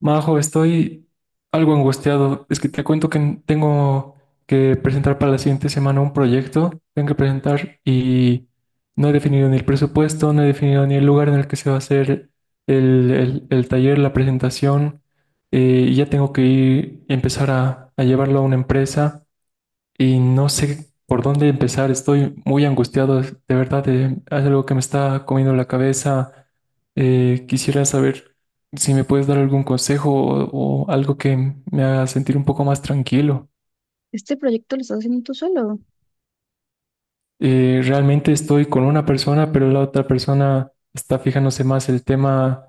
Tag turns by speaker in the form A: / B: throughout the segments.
A: Majo, estoy algo angustiado. Es que te cuento que tengo que presentar para la siguiente semana un proyecto. Tengo que presentar y no he definido ni el presupuesto, no he definido ni el lugar en el que se va a hacer el taller, la presentación. Y ya tengo que ir, empezar a llevarlo a una empresa y no sé por dónde empezar. Estoy muy angustiado, de verdad, hay algo que me está comiendo la cabeza. Quisiera saber si me puedes dar algún consejo o algo que me haga sentir un poco más tranquilo.
B: Este proyecto lo estás haciendo tú solo.
A: Realmente estoy con una persona, pero la otra persona está fijándose más el tema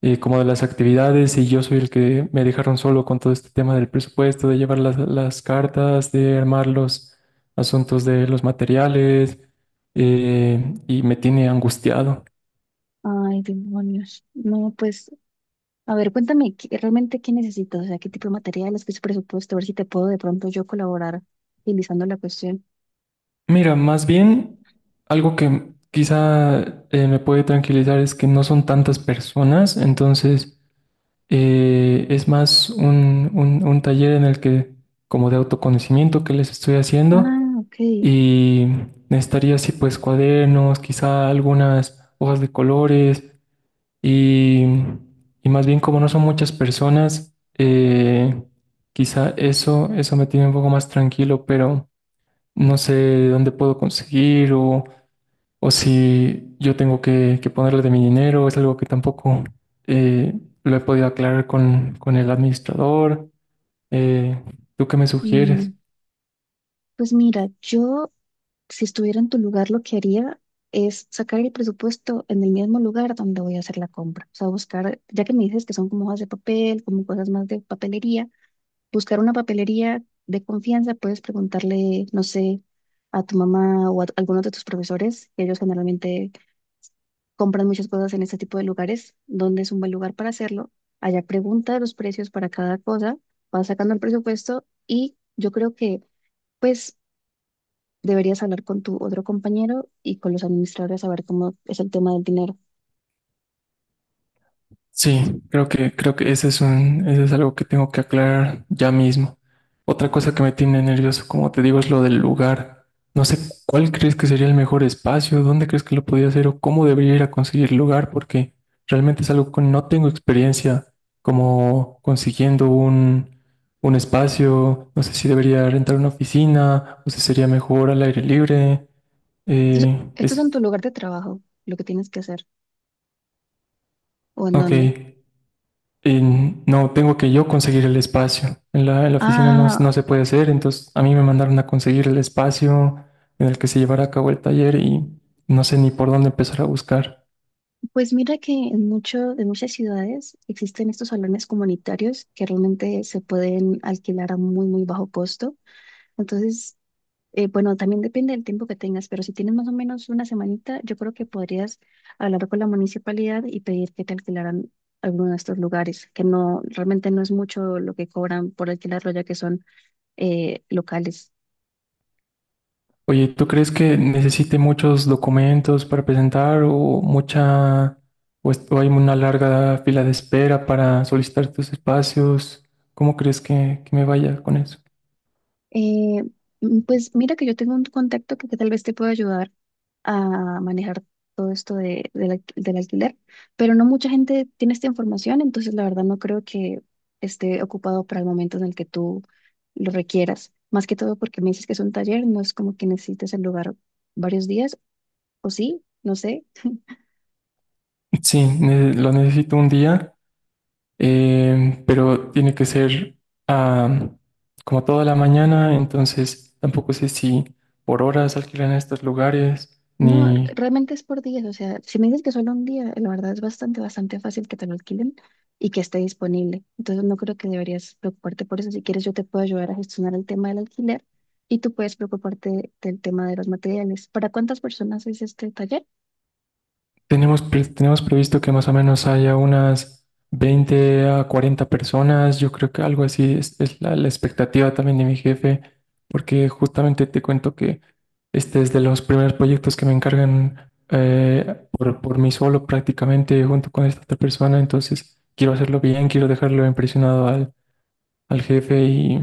A: como de las actividades, y yo soy el que me dejaron solo con todo este tema del presupuesto, de llevar las cartas, de armar los asuntos de los materiales, y me tiene angustiado.
B: Ay, demonios. No, pues, a ver, cuéntame, realmente ¿qué necesitas? O sea, ¿qué tipo de materiales, qué es presupuesto? A ver si te puedo de pronto yo colaborar utilizando la cuestión.
A: Mira, más bien algo que quizá me puede tranquilizar es que no son tantas personas, entonces... es más un taller en el que, como de autoconocimiento que les estoy haciendo,
B: Ah, ok.
A: y necesitaría así pues cuadernos, quizá algunas hojas de colores, y, y más bien, como no son muchas personas, quizá eso, eso me tiene un poco más tranquilo, pero no sé dónde puedo conseguir o si yo tengo que ponerle de mi dinero, es algo que tampoco eh, lo he podido aclarar con el administrador. Eh, ¿tú qué me sugieres?
B: Mm, pues mira, yo si estuviera en tu lugar lo que haría es sacar el presupuesto en el mismo lugar donde voy a hacer la compra. O sea, buscar, ya que me dices que son como hojas de papel, como cosas más de papelería, buscar una papelería de confianza. Puedes preguntarle, no sé, a tu mamá o a alguno de tus profesores, que ellos generalmente compran muchas cosas en este tipo de lugares, dónde es un buen lugar para hacerlo. Allá pregunta los precios para cada cosa, vas sacando el presupuesto y yo creo que pues deberías hablar con tu otro compañero y con los administradores a ver cómo es el tema del dinero.
A: Sí, creo que ese es un, ese es algo que tengo que aclarar ya mismo. Otra cosa que me tiene nervioso, como te digo, es lo del lugar. No sé cuál crees que sería el mejor espacio, dónde crees que lo podría hacer o cómo debería ir a conseguir lugar, porque realmente es algo que no tengo experiencia como consiguiendo un espacio. No sé si debería rentar una oficina o si sería mejor al aire libre.
B: Entonces,
A: Eh,
B: ¿esto es en tu
A: es,
B: lugar de trabajo lo que tienes que hacer o en
A: ok.
B: dónde?
A: Y no, tengo que yo conseguir el espacio. En la oficina no,
B: Ah,
A: no se puede hacer, entonces a mí me mandaron a conseguir el espacio en el que se llevara a cabo el taller y no sé ni por dónde empezar a buscar.
B: pues mira que en muchas ciudades existen estos salones comunitarios que realmente se pueden alquilar a muy, muy bajo costo. Entonces, bueno, también depende del tiempo que tengas, pero si tienes más o menos una semanita, yo creo que podrías hablar con la municipalidad y pedir que te alquilaran alguno de estos lugares, que no, realmente no es mucho lo que cobran por alquilarlo, ya que son locales.
A: Oye, ¿tú crees que necesite muchos documentos para presentar o mucha, o hay una larga fila de espera para solicitar tus espacios? ¿Cómo crees que me vaya con eso?
B: Eh, pues mira que yo tengo un contacto que tal vez te pueda ayudar a manejar todo esto de, del alquiler, pero no mucha gente tiene esta información, entonces la verdad no creo que esté ocupado para el momento en el que tú lo requieras. Más que todo porque me dices que es un taller, no es como que necesites el lugar varios días, o sí, no sé.
A: Sí, lo necesito un día. Pero tiene que ser ah, como toda la mañana, entonces tampoco sé si por horas alquilan estos lugares,
B: No,
A: ni
B: realmente es por días. O sea, si me dices que solo un día, la verdad es bastante, bastante fácil que te lo alquilen y que esté disponible. Entonces no creo que deberías preocuparte por eso. Si quieres, yo te puedo ayudar a gestionar el tema del alquiler y tú puedes preocuparte del tema de los materiales. ¿Para cuántas personas es este taller?
A: tenemos, tenemos previsto que más o menos haya unas 20 a 40 personas. Yo creo que algo así es la expectativa también de mi jefe, porque justamente te cuento que este es de los primeros proyectos que me encargan, por mí solo prácticamente junto con esta otra persona. Entonces quiero hacerlo bien, quiero dejarlo impresionado al, al jefe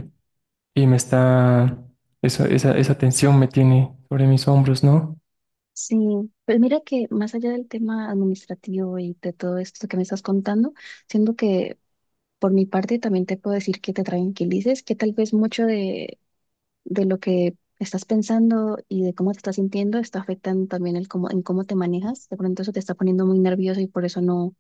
A: y me está, esa tensión me tiene sobre mis hombros, ¿no?
B: Sí, pues mira que más allá del tema administrativo y de todo esto que me estás contando, siento que por mi parte también te puedo decir que te tranquilices, que tal vez mucho de lo que estás pensando y de cómo te estás sintiendo está afectando también el cómo, en cómo te manejas. De pronto eso te está poniendo muy nervioso y por eso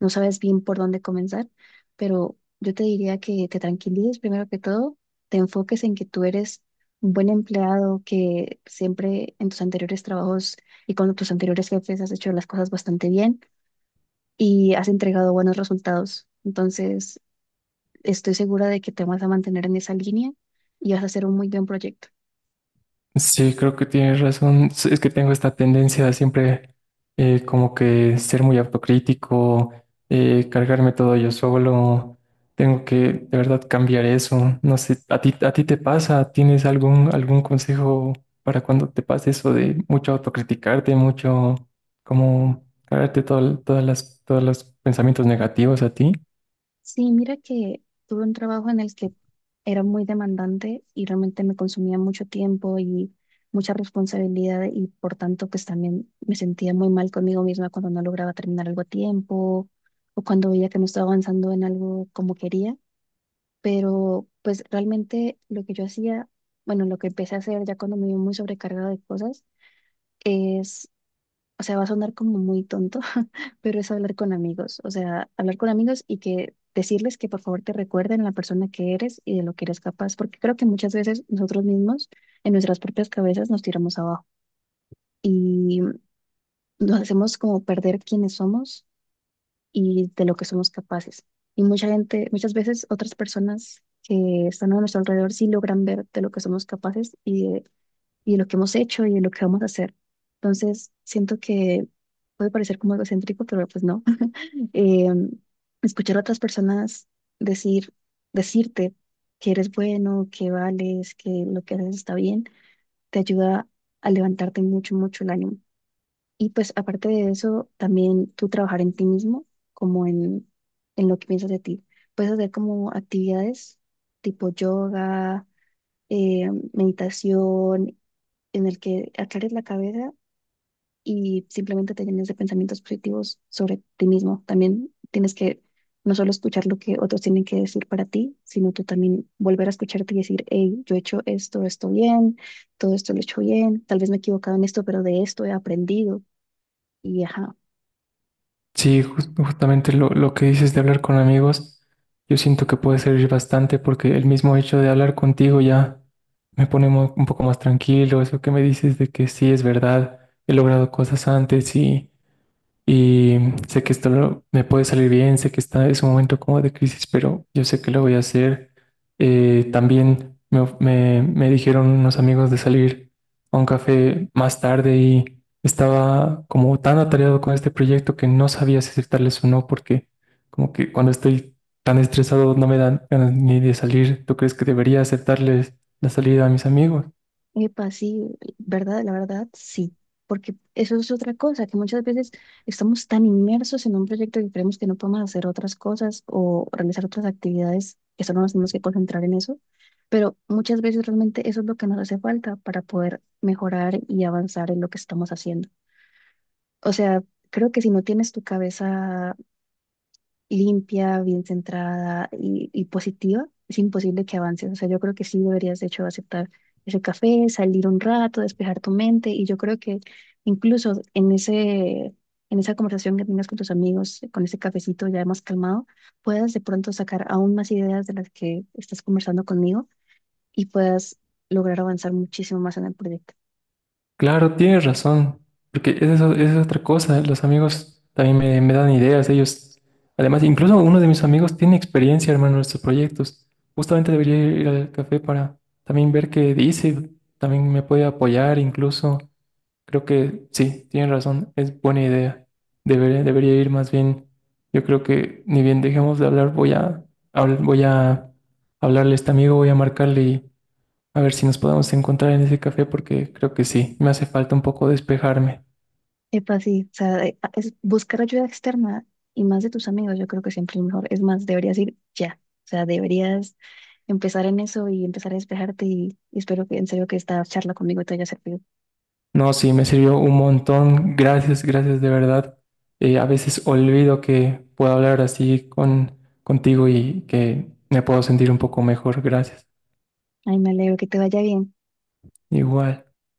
B: no sabes bien por dónde comenzar. Pero yo te diría que te tranquilices primero que todo, te enfoques en que tú eres un buen empleado, que siempre en tus anteriores trabajos y con tus anteriores jefes has hecho las cosas bastante bien y has entregado buenos resultados. Entonces, estoy segura de que te vas a mantener en esa línea y vas a hacer un muy buen proyecto.
A: Sí, creo que tienes razón. S- Es que tengo esta tendencia a siempre como que ser muy autocrítico, cargarme todo yo solo. Tengo que de verdad cambiar eso. No sé, a ti te pasa? ¿Tienes algún, algún consejo para cuando te pase eso de mucho autocriticarte, mucho como cargarte todo, todas las, todos los pensamientos negativos a ti?
B: Sí, mira que tuve un trabajo en el que era muy demandante y realmente me consumía mucho tiempo y mucha responsabilidad y por tanto pues también me sentía muy mal conmigo misma cuando no lograba terminar algo a tiempo o cuando veía que no estaba avanzando en algo como quería. Pero pues realmente lo que yo hacía, bueno, lo que empecé a hacer ya cuando me vi muy sobrecargada de cosas es, o sea, va a sonar como muy tonto, pero es hablar con amigos. O sea, hablar con amigos y que decirles que por favor te recuerden la persona que eres y de lo que eres capaz, porque creo que muchas veces nosotros mismos en nuestras propias cabezas nos tiramos abajo y nos hacemos como perder quiénes somos y de lo que somos capaces. Y mucha gente, muchas veces otras personas que están a nuestro alrededor sí logran ver de lo que somos capaces y de lo que hemos hecho y de lo que vamos a hacer. Entonces, siento que puede parecer como algo egocéntrico, pero pues no. Eh, escuchar a otras personas decir, decirte que eres bueno, que vales, que lo que haces está bien, te ayuda a levantarte mucho, mucho el ánimo. Y pues aparte de eso, también tú trabajar en ti mismo, como en lo que piensas de ti. Puedes hacer como actividades tipo yoga, meditación en el que aclares la cabeza y simplemente te llenes de pensamientos positivos sobre ti mismo. También tienes que no solo escuchar lo que otros tienen que decir para ti, sino tú también volver a escucharte y decir, hey, yo he hecho esto, esto bien, todo esto lo he hecho bien, tal vez me he equivocado en esto, pero de esto he aprendido. Y ajá.
A: Sí, justamente lo que dices de hablar con amigos, yo siento que puede servir bastante porque el mismo hecho de hablar contigo ya me pone un poco más tranquilo. Eso que me dices de que sí es verdad, he logrado cosas antes y... Y sé que esto me puede salir bien, sé que está, es un momento como de crisis, pero yo sé que lo voy a hacer. También me, me dijeron unos amigos de salir a un café más tarde, y estaba como tan atareado con este proyecto que no sabía si aceptarles o no, porque como que cuando estoy tan estresado no me dan ganas ni de salir. ¿Tú crees que debería aceptarles la salida a mis amigos?
B: Epa, sí, la verdad, sí, porque eso es otra cosa, que muchas veces estamos tan inmersos en un proyecto que creemos que no podemos hacer otras cosas o realizar otras actividades, que solo nos tenemos que concentrar en eso, pero muchas veces realmente eso es lo que nos hace falta para poder mejorar y avanzar en lo que estamos haciendo. O sea, creo que si no tienes tu cabeza limpia, bien centrada y positiva, es imposible que avances. O sea, yo creo que sí deberías, de hecho, aceptar ese café, salir un rato, despejar tu mente. Y yo creo que incluso en en esa conversación que tengas con tus amigos, con ese cafecito ya más calmado, puedas de pronto sacar aún más ideas de las que estás conversando conmigo y puedas lograr avanzar muchísimo más en el proyecto.
A: Claro, tienes razón, porque es eso, es otra cosa, ¿eh? Los amigos también me dan ideas, ellos. Además, incluso uno de mis amigos tiene experiencia, hermano, en estos proyectos. Justamente debería ir al café para también ver qué dice, también me puede apoyar, incluso. Creo que sí, tienes razón, es buena idea. Debería, debería ir más bien. Yo creo que ni bien dejemos de hablar, voy a, voy a hablarle a este amigo, voy a marcarle a ver si nos podemos encontrar en ese café, porque creo que sí, me hace falta un poco despejarme.
B: Epa, sí, o sea, es buscar ayuda externa y más de tus amigos, yo creo que siempre es mejor. Es más, deberías ir ya, o sea, deberías empezar en eso y empezar a despejarte y espero que en serio que esta charla conmigo te haya servido.
A: No, sí, me sirvió un montón. Gracias, gracias de verdad. A veces olvido que puedo hablar así contigo y que me puedo sentir un poco mejor. Gracias.
B: Ay, me alegro que te vaya bien.
A: Igual.